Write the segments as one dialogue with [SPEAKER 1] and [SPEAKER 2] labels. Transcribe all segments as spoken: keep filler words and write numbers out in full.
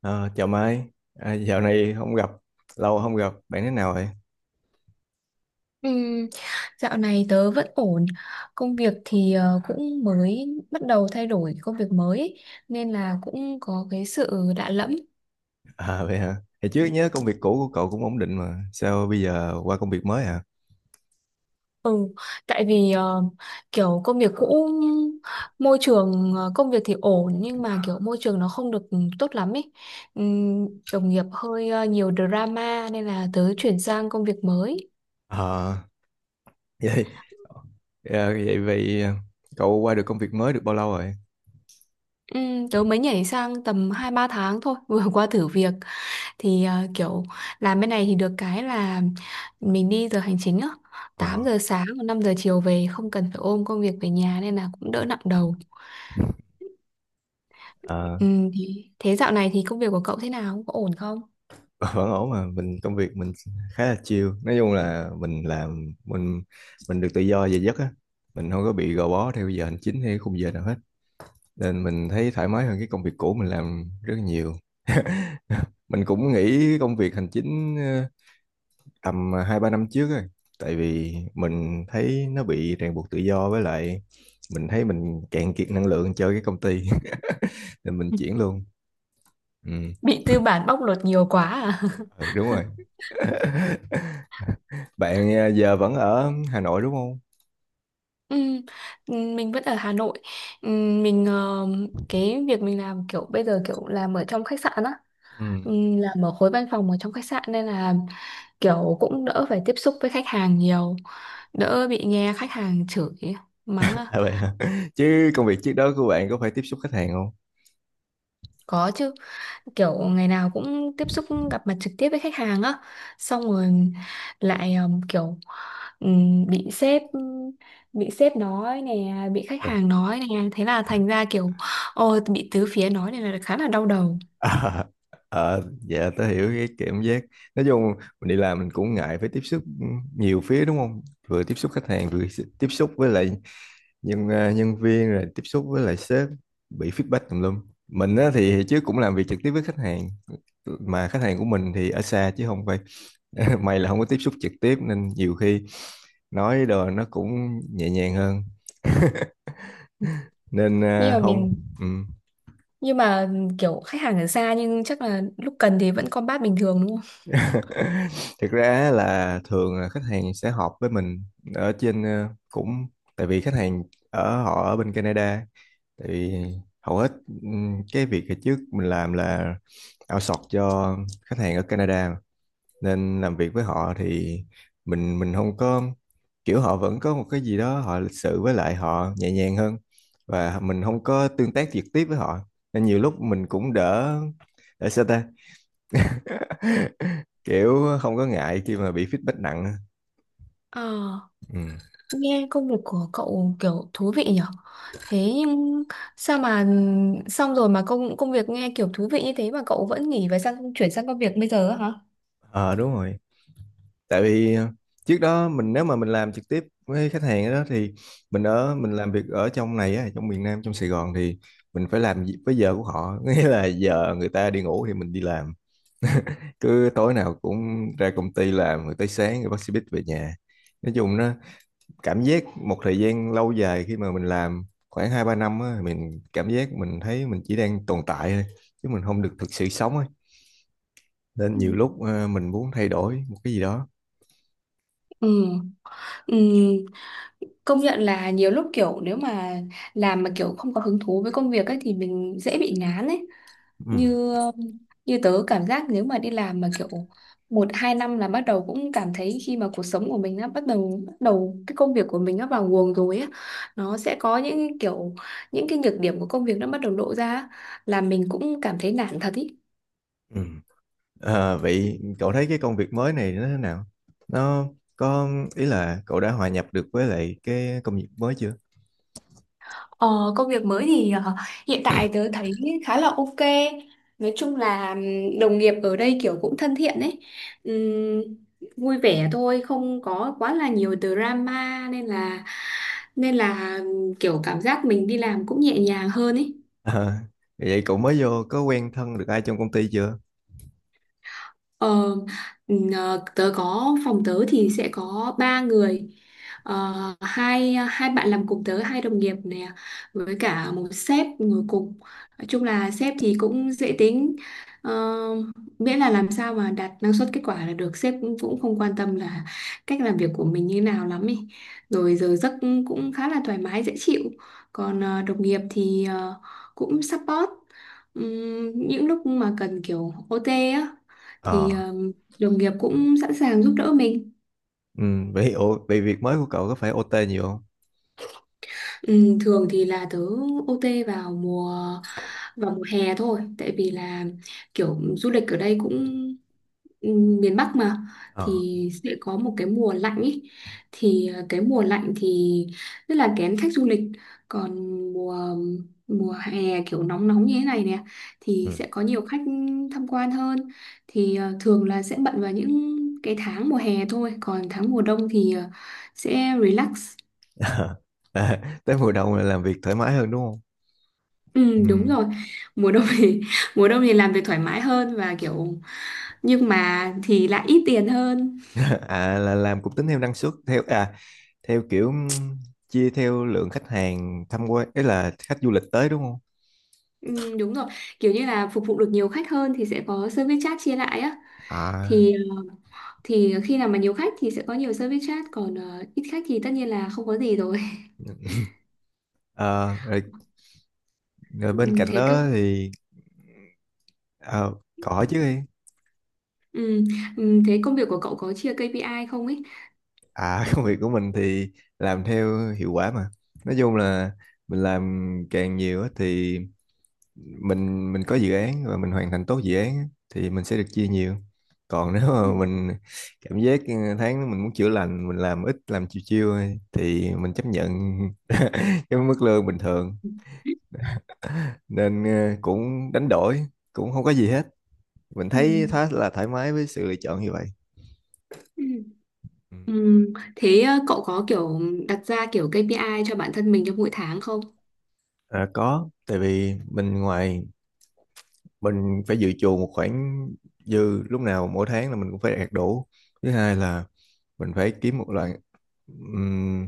[SPEAKER 1] Ờ, chào Mai, à, dạo này không gặp, lâu không gặp, bạn thế nào vậy?
[SPEAKER 2] Ừm, Dạo này tớ vẫn ổn. Công việc thì ờ, cũng mới bắt đầu thay đổi công việc mới ấy, nên là cũng có cái sự lạ lẫm.
[SPEAKER 1] À, vậy hả? Thì trước nhớ công việc cũ của cậu cũng ổn định mà, sao bây giờ qua công việc mới hả?
[SPEAKER 2] Ừ, tại vì ờ, kiểu công việc cũ, môi trường, ờ, công việc thì ổn nhưng mà kiểu môi trường nó không được tốt lắm ấy. Ừm, Đồng nghiệp hơi ờ, nhiều drama nên là tớ chuyển sang công việc mới.
[SPEAKER 1] Ờ, vậy, ờ, vậy vậy ờ, cậu qua được công việc mới được bao lâu rồi?
[SPEAKER 2] Ừ, tớ mới nhảy sang tầm hai ba tháng thôi, vừa qua thử việc thì ờ, kiểu làm bên này thì được cái là mình đi giờ hành chính á, tám
[SPEAKER 1] Ờ,
[SPEAKER 2] giờ sáng và năm giờ chiều về không cần phải ôm công việc về nhà nên là cũng đỡ nặng đầu.
[SPEAKER 1] ờ,
[SPEAKER 2] Ừ, thì thế dạo này thì công việc của cậu thế nào, có ổn không?
[SPEAKER 1] vẫn ổn mà, mình công việc mình khá là chill, nói chung là mình làm, mình mình được tự do về giấc á, mình không có bị gò bó theo giờ hành chính hay khung giờ nào hết, nên mình thấy thoải mái hơn cái công việc cũ mình làm rất nhiều. Mình cũng nghỉ công việc hành chính ờ, tầm ờ, hai ba năm trước rồi, tại vì mình thấy nó bị ràng buộc tự do, với lại mình thấy mình cạn kiệt năng lượng chơi cái công ty. Nên mình chuyển luôn. Ừ.
[SPEAKER 2] Bị tư bản bóc lột nhiều quá à?
[SPEAKER 1] Ừ, đúng rồi. Bạn ờ, giờ vẫn ở Hà Nội đúng không?
[SPEAKER 2] Ừ, mình vẫn ở Hà Nội. Ừ, Mình ờ, cái việc mình làm kiểu bây giờ kiểu làm ở trong khách sạn á.
[SPEAKER 1] Ừ.
[SPEAKER 2] Ừ, làm ở khối văn phòng ở trong khách sạn nên là kiểu cũng đỡ phải tiếp xúc với khách hàng nhiều, đỡ bị nghe khách hàng chửi mắng à.
[SPEAKER 1] À, vậy hả? Chứ công việc trước đó của bạn có phải tiếp xúc khách hàng không?
[SPEAKER 2] Có chứ, kiểu ngày nào cũng tiếp xúc, gặp mặt trực tiếp với khách hàng á, xong rồi lại um, kiểu um, bị sếp, bị sếp nói nè, bị khách hàng nói nè, thế là thành ra kiểu ôi bị tứ phía nói, này là khá là đau đầu.
[SPEAKER 1] Ờ, ờ, dạ tớ hiểu cái cảm giác. Nói chung mình đi làm mình cũng ngại phải tiếp xúc nhiều phía, đúng không? Vừa tiếp xúc khách hàng, vừa tiếp xúc với lại nhân à, nhân viên rồi tiếp xúc với lại sếp, bị feedback tùm lum. Mình á, thì trước cũng làm việc trực tiếp với khách hàng, mà khách hàng của mình thì ở xa chứ không phải. May là không có tiếp xúc trực tiếp nên nhiều khi nói đồ nó cũng nhẹ nhàng hơn, nên
[SPEAKER 2] nhưng
[SPEAKER 1] à,
[SPEAKER 2] mà
[SPEAKER 1] không.
[SPEAKER 2] mình
[SPEAKER 1] Ừ.
[SPEAKER 2] nhưng mà kiểu khách hàng ở xa nhưng chắc là lúc cần thì vẫn combat bình thường đúng không?
[SPEAKER 1] Thực ra là thường là khách hàng sẽ họp với mình ở trên, ờ, cũng tại vì khách hàng ở họ ở bên Canada, tại vì hầu hết ừm, cái việc hồi trước mình làm là outsource cho khách hàng ở Canada mà. Nên làm việc với họ thì mình mình không có kiểu, họ vẫn có một cái gì đó, họ lịch sự với lại họ nhẹ nhàng hơn, và mình không có tương tác trực tiếp với họ nên nhiều lúc mình cũng đỡ, để sao ta. Kiểu không có ngại khi mà bị feedback nặng.
[SPEAKER 2] Ờ,
[SPEAKER 1] Ừ.
[SPEAKER 2] nghe công việc của cậu kiểu thú vị nhở. Thế nhưng sao mà xong rồi mà công công việc nghe kiểu thú vị như thế mà cậu vẫn nghỉ và sang chuyển sang công việc bây giờ á hả?
[SPEAKER 1] Ờ, đúng rồi. Tại vì ờ, trước đó mình, nếu mà mình làm trực tiếp với khách hàng đó thì mình ở mình làm việc ở trong này á, trong miền Nam, trong Sài Gòn thì mình phải làm gì- với giờ của họ, nghĩa là giờ người ta đi ngủ thì mình đi làm. Cứ tối nào cũng ra công ty làm rồi tới sáng rồi bác xe buýt về nhà. Nói chung nó cảm giác một thời gian lâu dài, khi mà mình làm khoảng hai ba năm á, mình cảm giác mình thấy mình chỉ đang tồn tại thôi, chứ mình không được thực sự sống ấy. Nên
[SPEAKER 2] Ừ.
[SPEAKER 1] nhiều lúc ờ, mình muốn thay đổi một cái gì đó.
[SPEAKER 2] Ừ. Ừ. Công nhận là nhiều lúc kiểu nếu mà làm mà kiểu không có hứng thú với công việc ấy thì mình dễ bị ngán ấy,
[SPEAKER 1] Ừ.
[SPEAKER 2] như như tớ cảm giác nếu mà đi làm mà kiểu một hai năm là bắt đầu cũng cảm thấy, khi mà cuộc sống của mình nó bắt đầu, bắt đầu cái công việc của mình nó vào guồng rồi á, nó sẽ có những kiểu, những cái nhược điểm của công việc nó bắt đầu lộ ra á, là mình cũng cảm thấy nản thật ý.
[SPEAKER 1] Ừ. Ờ, vậy cậu thấy cái công việc mới này nó thế nào, nó có ý là cậu đã hòa nhập được với lại cái công việc mới chưa?
[SPEAKER 2] Ờ, công việc mới thì ờ, hiện tại tớ thấy khá là ok. Nói chung là ừm, đồng nghiệp ở đây kiểu cũng thân thiện ấy. Ừm, Vui vẻ thôi, không có quá là nhiều drama, nên là nên là ừm, kiểu cảm giác mình đi làm cũng nhẹ nhàng hơn ấy.
[SPEAKER 1] Ờ, vậy cậu mới vô có quen thân được ai trong công ty chưa?
[SPEAKER 2] Ờ, ừ, ờ, tớ có phòng tớ thì sẽ có ba người. Ờ, hai hai bạn làm cùng tớ, hai đồng nghiệp nè với cả một sếp ngồi cùng. Nói chung là sếp thì cũng dễ tính. Ờ, miễn là làm sao mà đạt năng suất kết quả là được, sếp cũng, cũng không quan tâm là cách làm việc của mình như nào lắm ý, rồi giờ giấc cũng khá là thoải mái dễ chịu. Còn ờ, đồng nghiệp thì ờ, cũng support. Ừm, những lúc mà cần kiểu ô tê á thì
[SPEAKER 1] Ờ.
[SPEAKER 2] ờ, đồng nghiệp cũng sẵn sàng giúp đỡ mình.
[SPEAKER 1] Ừ. Vậy ủa, vậy việc mới của cậu có phải ô tê nhiều không?
[SPEAKER 2] Ừ, thường thì là tớ ô tê vào mùa, vào mùa hè thôi, tại vì là kiểu du lịch ở đây cũng, ừ, miền Bắc mà
[SPEAKER 1] Ờ.
[SPEAKER 2] thì sẽ có một cái mùa lạnh ý. Thì ờ, cái mùa lạnh thì rất là kén khách du lịch, còn mùa, mùa hè kiểu nóng nóng như thế này nè thì
[SPEAKER 1] Ừ.
[SPEAKER 2] sẽ có nhiều khách tham quan hơn. Thì ờ, thường là sẽ bận vào những cái tháng mùa hè thôi, còn tháng mùa đông thì ờ, sẽ relax.
[SPEAKER 1] Ờ. À, tới mùa đông là làm việc thoải mái hơn đúng không?
[SPEAKER 2] Ừ, đúng
[SPEAKER 1] Ừm.
[SPEAKER 2] rồi. Mùa đông thì, mùa đông thì làm việc thoải mái hơn và kiểu, nhưng mà thì lại ít tiền hơn.
[SPEAKER 1] À, là làm cũng tính theo năng suất, theo à theo kiểu ừm, chia theo lượng khách hàng tham quan ấy, là khách du lịch tới đúng không?
[SPEAKER 2] Ừ, đúng rồi, kiểu như là phục vụ được nhiều khách hơn thì sẽ có service charge chia lại á.
[SPEAKER 1] à,
[SPEAKER 2] Thì thì khi nào mà nhiều khách thì sẽ có nhiều service charge, còn ờ, ít khách thì tất nhiên là không có gì rồi.
[SPEAKER 1] ờ, Rồi, rồi bên
[SPEAKER 2] Ừ,
[SPEAKER 1] cạnh
[SPEAKER 2] thế cơ.
[SPEAKER 1] đó thì ờ, cỏ chứ đi.
[SPEAKER 2] ừ, ừ, Thế công việc của cậu có chia ca pê i không ấy?
[SPEAKER 1] À, công việc của mình thì làm theo hiệu quả mà, nói chung là mình làm càng nhiều á thì mình mình có dự án và mình hoàn thành tốt dự án á, thì mình sẽ được chia nhiều. Còn nếu
[SPEAKER 2] Ừ.
[SPEAKER 1] mà mình cảm giác ừ, tháng mình muốn chữa lành, mình làm ít, làm chiêu chiêu thôi, thì mình chấp nhận cái mức lương bình thường. Nên ờ, cũng đánh đổi, cũng không có gì hết, mình
[SPEAKER 2] Ừ.
[SPEAKER 1] thấy khá là thoải mái với sự lựa chọn như vậy.
[SPEAKER 2] Ừ.
[SPEAKER 1] Ừ.
[SPEAKER 2] Ừ, thế ờ, cậu có kiểu đặt ra kiểu kây pi ai cho bản thân mình trong mỗi tháng không?
[SPEAKER 1] À, có. Tại vì mình ngoài, mình phải dự trù một khoản dư, lúc nào mỗi tháng là mình cũng phải đạt đủ. Thứ hai là mình phải kiếm một loại ừm,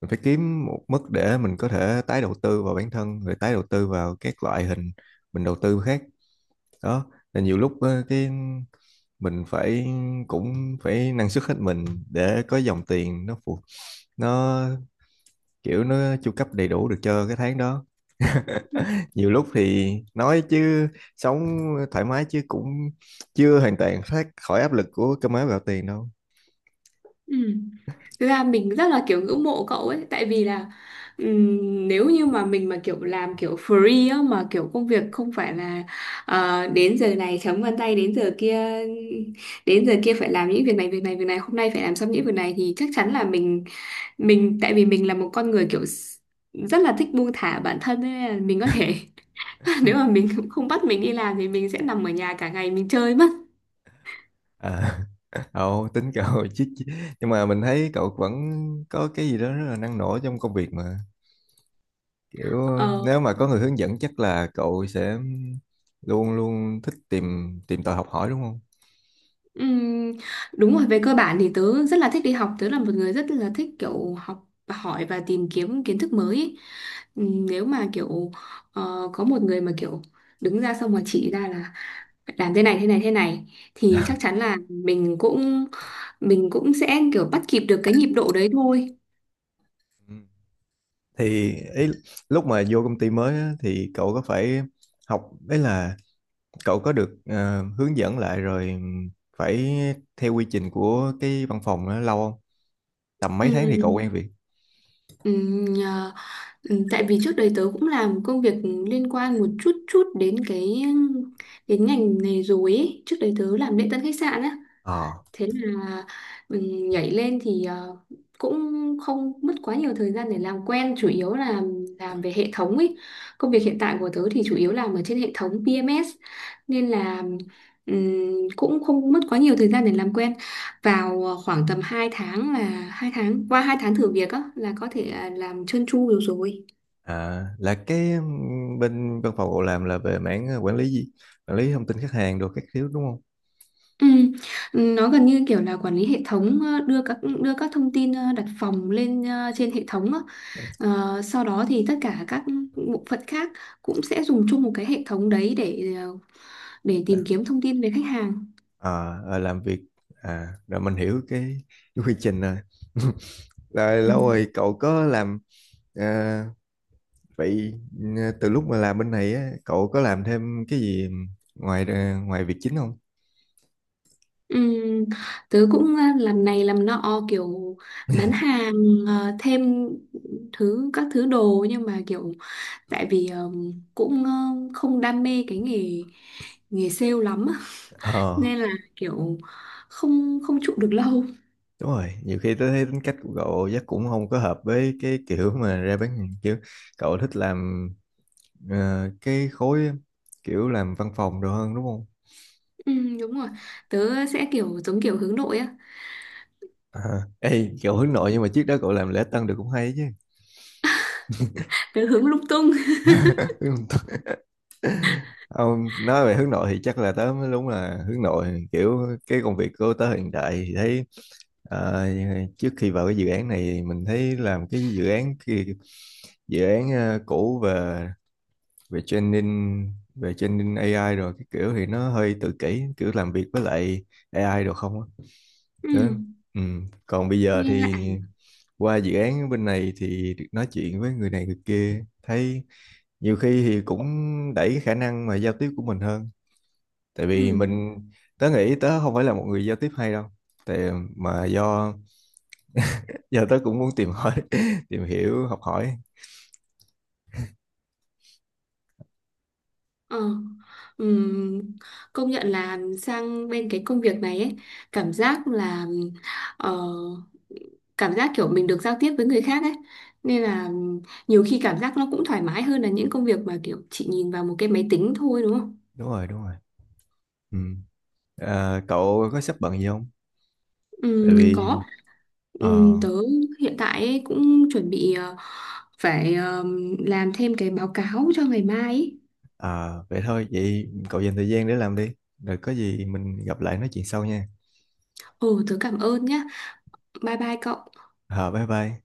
[SPEAKER 1] mình phải kiếm một mức để mình có thể tái đầu tư vào bản thân rồi tái đầu tư vào các loại hình mình đầu tư khác đó. Là nhiều lúc ờ, cái mình phải cũng phải năng suất hết mình để có dòng tiền nó phù, nó kiểu nó chu cấp đầy đủ được cho cái tháng đó. Nhiều lúc thì nói chứ, sống thoải mái chứ cũng chưa hoàn toàn thoát khỏi áp lực của cơm áo gạo tiền đâu.
[SPEAKER 2] Ừ. Thực ra mình rất là kiểu ngưỡng mộ cậu ấy, tại vì là ừm, nếu như mà mình mà kiểu làm kiểu free á, mà kiểu công việc không phải là ờ, đến giờ này chấm vân tay, đến giờ kia, đến giờ kia phải làm những việc này, việc này việc này hôm nay phải làm xong những việc này, thì chắc chắn là mình, mình tại vì mình là một con người kiểu s- rất là thích buông thả bản thân ấy, nên là mình có thể, nếu mà mình không bắt mình đi làm thì mình sẽ nằm ở nhà cả ngày mình chơi mất.
[SPEAKER 1] À, ồ, tính cậu. chứ chứ- Nhưng mà mình thấy cậu vẫn có cái gì đó rất là năng nổ trong công việc mà, kiểu
[SPEAKER 2] Ờ.
[SPEAKER 1] nếu mà có người hướng dẫn chắc là cậu sẽ luôn luôn thích tìm tìm tòi học hỏi đúng không?
[SPEAKER 2] Ừm, Đúng rồi, về cơ bản thì tớ rất là thích đi học, tớ là một người rất là thích kiểu học hỏi và tìm kiếm kiến thức mới ý. Ừm, nếu mà kiểu ờ, có một người mà kiểu đứng ra xong rồi chỉ ra là phải làm thế này thế này thế này, thì chắc chắn là mình cũng, mình cũng sẽ kiểu bắt kịp được cái nhịp độ đấy thôi.
[SPEAKER 1] Ừ. Thì ý, lúc mà vô công ty mới á, thì cậu có phải học, đấy là cậu có được ờ, hướng dẫn lại rồi phải theo quy trình của cái văn phòng đó lâu không? Tầm mấy tháng thì cậu
[SPEAKER 2] Ừm,
[SPEAKER 1] quen việc?
[SPEAKER 2] ừm, nhờ- ừm, Tại vì trước đây tớ cũng làm công việc liên quan một chút chút đến cái, đến ngành này rồi ấy. Trước đấy tớ làm lễ tân khách sạn á,
[SPEAKER 1] Ờ.
[SPEAKER 2] thế là mình nhảy lên thì ờ, cũng không mất quá nhiều thời gian để làm quen, chủ yếu là làm về hệ thống ấy. Công việc hiện tại của tớ thì chủ yếu làm ở trên hệ thống pê em ét, nên là ừm, cũng không mất quá nhiều thời gian để làm quen, vào ờ, khoảng tầm hai tháng là, hai tháng qua hai tháng thử việc á là có thể à, làm trơn tru được rồi.
[SPEAKER 1] À, là cái ừm, bên văn phòng cậu làm là về mảng ờ, quản lý gì? Quản lý thông tin khách hàng đồ các thứ đúng không?
[SPEAKER 2] Ừ. Nó gần như kiểu là quản lý hệ thống, ờ, đưa các, đưa các thông tin, ờ, đặt phòng lên, ờ, trên hệ thống á. Ờ, sau đó thì tất cả các bộ phận khác cũng sẽ dùng chung một cái hệ thống đấy để, ờ, để
[SPEAKER 1] Là,
[SPEAKER 2] tìm kiếm thông tin về khách hàng.
[SPEAKER 1] à, ờ, làm việc à, rồi mình hiểu cái, cái quy trình rồi. Rồi
[SPEAKER 2] Ừ.
[SPEAKER 1] lâu rồi cậu có làm ờ, Vậy ừ, từ lúc mà làm bên này á, cậu có làm thêm cái gì ngoài ờ, ngoài việc chính không?
[SPEAKER 2] Ừ. Tớ cũng ờ, làm này làm nọ, kiểu bán hàng, ờ, thêm thứ các thứ đồ, nhưng mà kiểu, tại vì ờ, cũng ờ, không đam mê cái nghề nghề sale lắm á,
[SPEAKER 1] Ờ.
[SPEAKER 2] nên là kiểu không không trụ được lâu.
[SPEAKER 1] Đúng rồi, nhiều khi tôi thấy tính cách của cậu chắc cũng không có hợp với cái kiểu mà ra bán hàng chứ. Cậu thích làm ờ, cái khối, kiểu làm văn phòng đồ hơn, đúng không?
[SPEAKER 2] Ừ, đúng rồi, tớ sẽ kiểu giống kiểu hướng nội á.
[SPEAKER 1] À, ê, cậu hướng nội nhưng mà trước đó cậu làm lễ tân được cũng hay chứ.
[SPEAKER 2] Tớ hướng lung tung.
[SPEAKER 1] Ông nói về hướng nội thì chắc là tớ mới đúng là hướng nội, kiểu cái công việc của tớ hiện tại thì thấy ờ, trước khi vào cái dự án này, mình thấy làm cái dự án kia, dự án ờ, cũ về về training về training a i rồi cái kiểu thì nó hơi tự kỷ, kiểu làm việc với lại a i được không á.
[SPEAKER 2] Ừ,
[SPEAKER 1] Đó. Ừ. Còn bây giờ
[SPEAKER 2] nghe lạ
[SPEAKER 1] thì
[SPEAKER 2] à?
[SPEAKER 1] qua dự án bên này thì được nói chuyện với người này người kia, thấy nhiều khi thì cũng đẩy cái khả năng mà giao tiếp của mình hơn. Tại vì
[SPEAKER 2] ừ,
[SPEAKER 1] mình, tớ nghĩ tớ không phải là một người giao tiếp hay đâu, tại mà do giờ tớ cũng muốn tìm hỏi tìm hiểu học hỏi.
[SPEAKER 2] ờ, ừm, Công nhận là sang bên cái công việc này ấy, cảm giác là, ờ, cảm giác kiểu mình được giao tiếp với người khác ấy, nên là nhiều khi cảm giác nó cũng thoải mái hơn là những công việc mà kiểu chị nhìn vào một cái máy tính thôi đúng không?
[SPEAKER 1] Đúng rồi, đúng rồi. Ừ. À, cậu có sắp bận gì không?
[SPEAKER 2] Ừ,
[SPEAKER 1] Tại vì
[SPEAKER 2] có.
[SPEAKER 1] ờ.
[SPEAKER 2] Ừm, tớ hiện tại ấy cũng chuẩn bị ờ, phải ờm, làm thêm cái báo cáo cho ngày mai ấy.
[SPEAKER 1] À, vậy thôi, vậy cậu dành thời gian để làm đi. Rồi có gì mình gặp lại nói chuyện sau nha.
[SPEAKER 2] Ừ, tớ cảm ơn nhá. Bye bye cậu.
[SPEAKER 1] À, bye bye.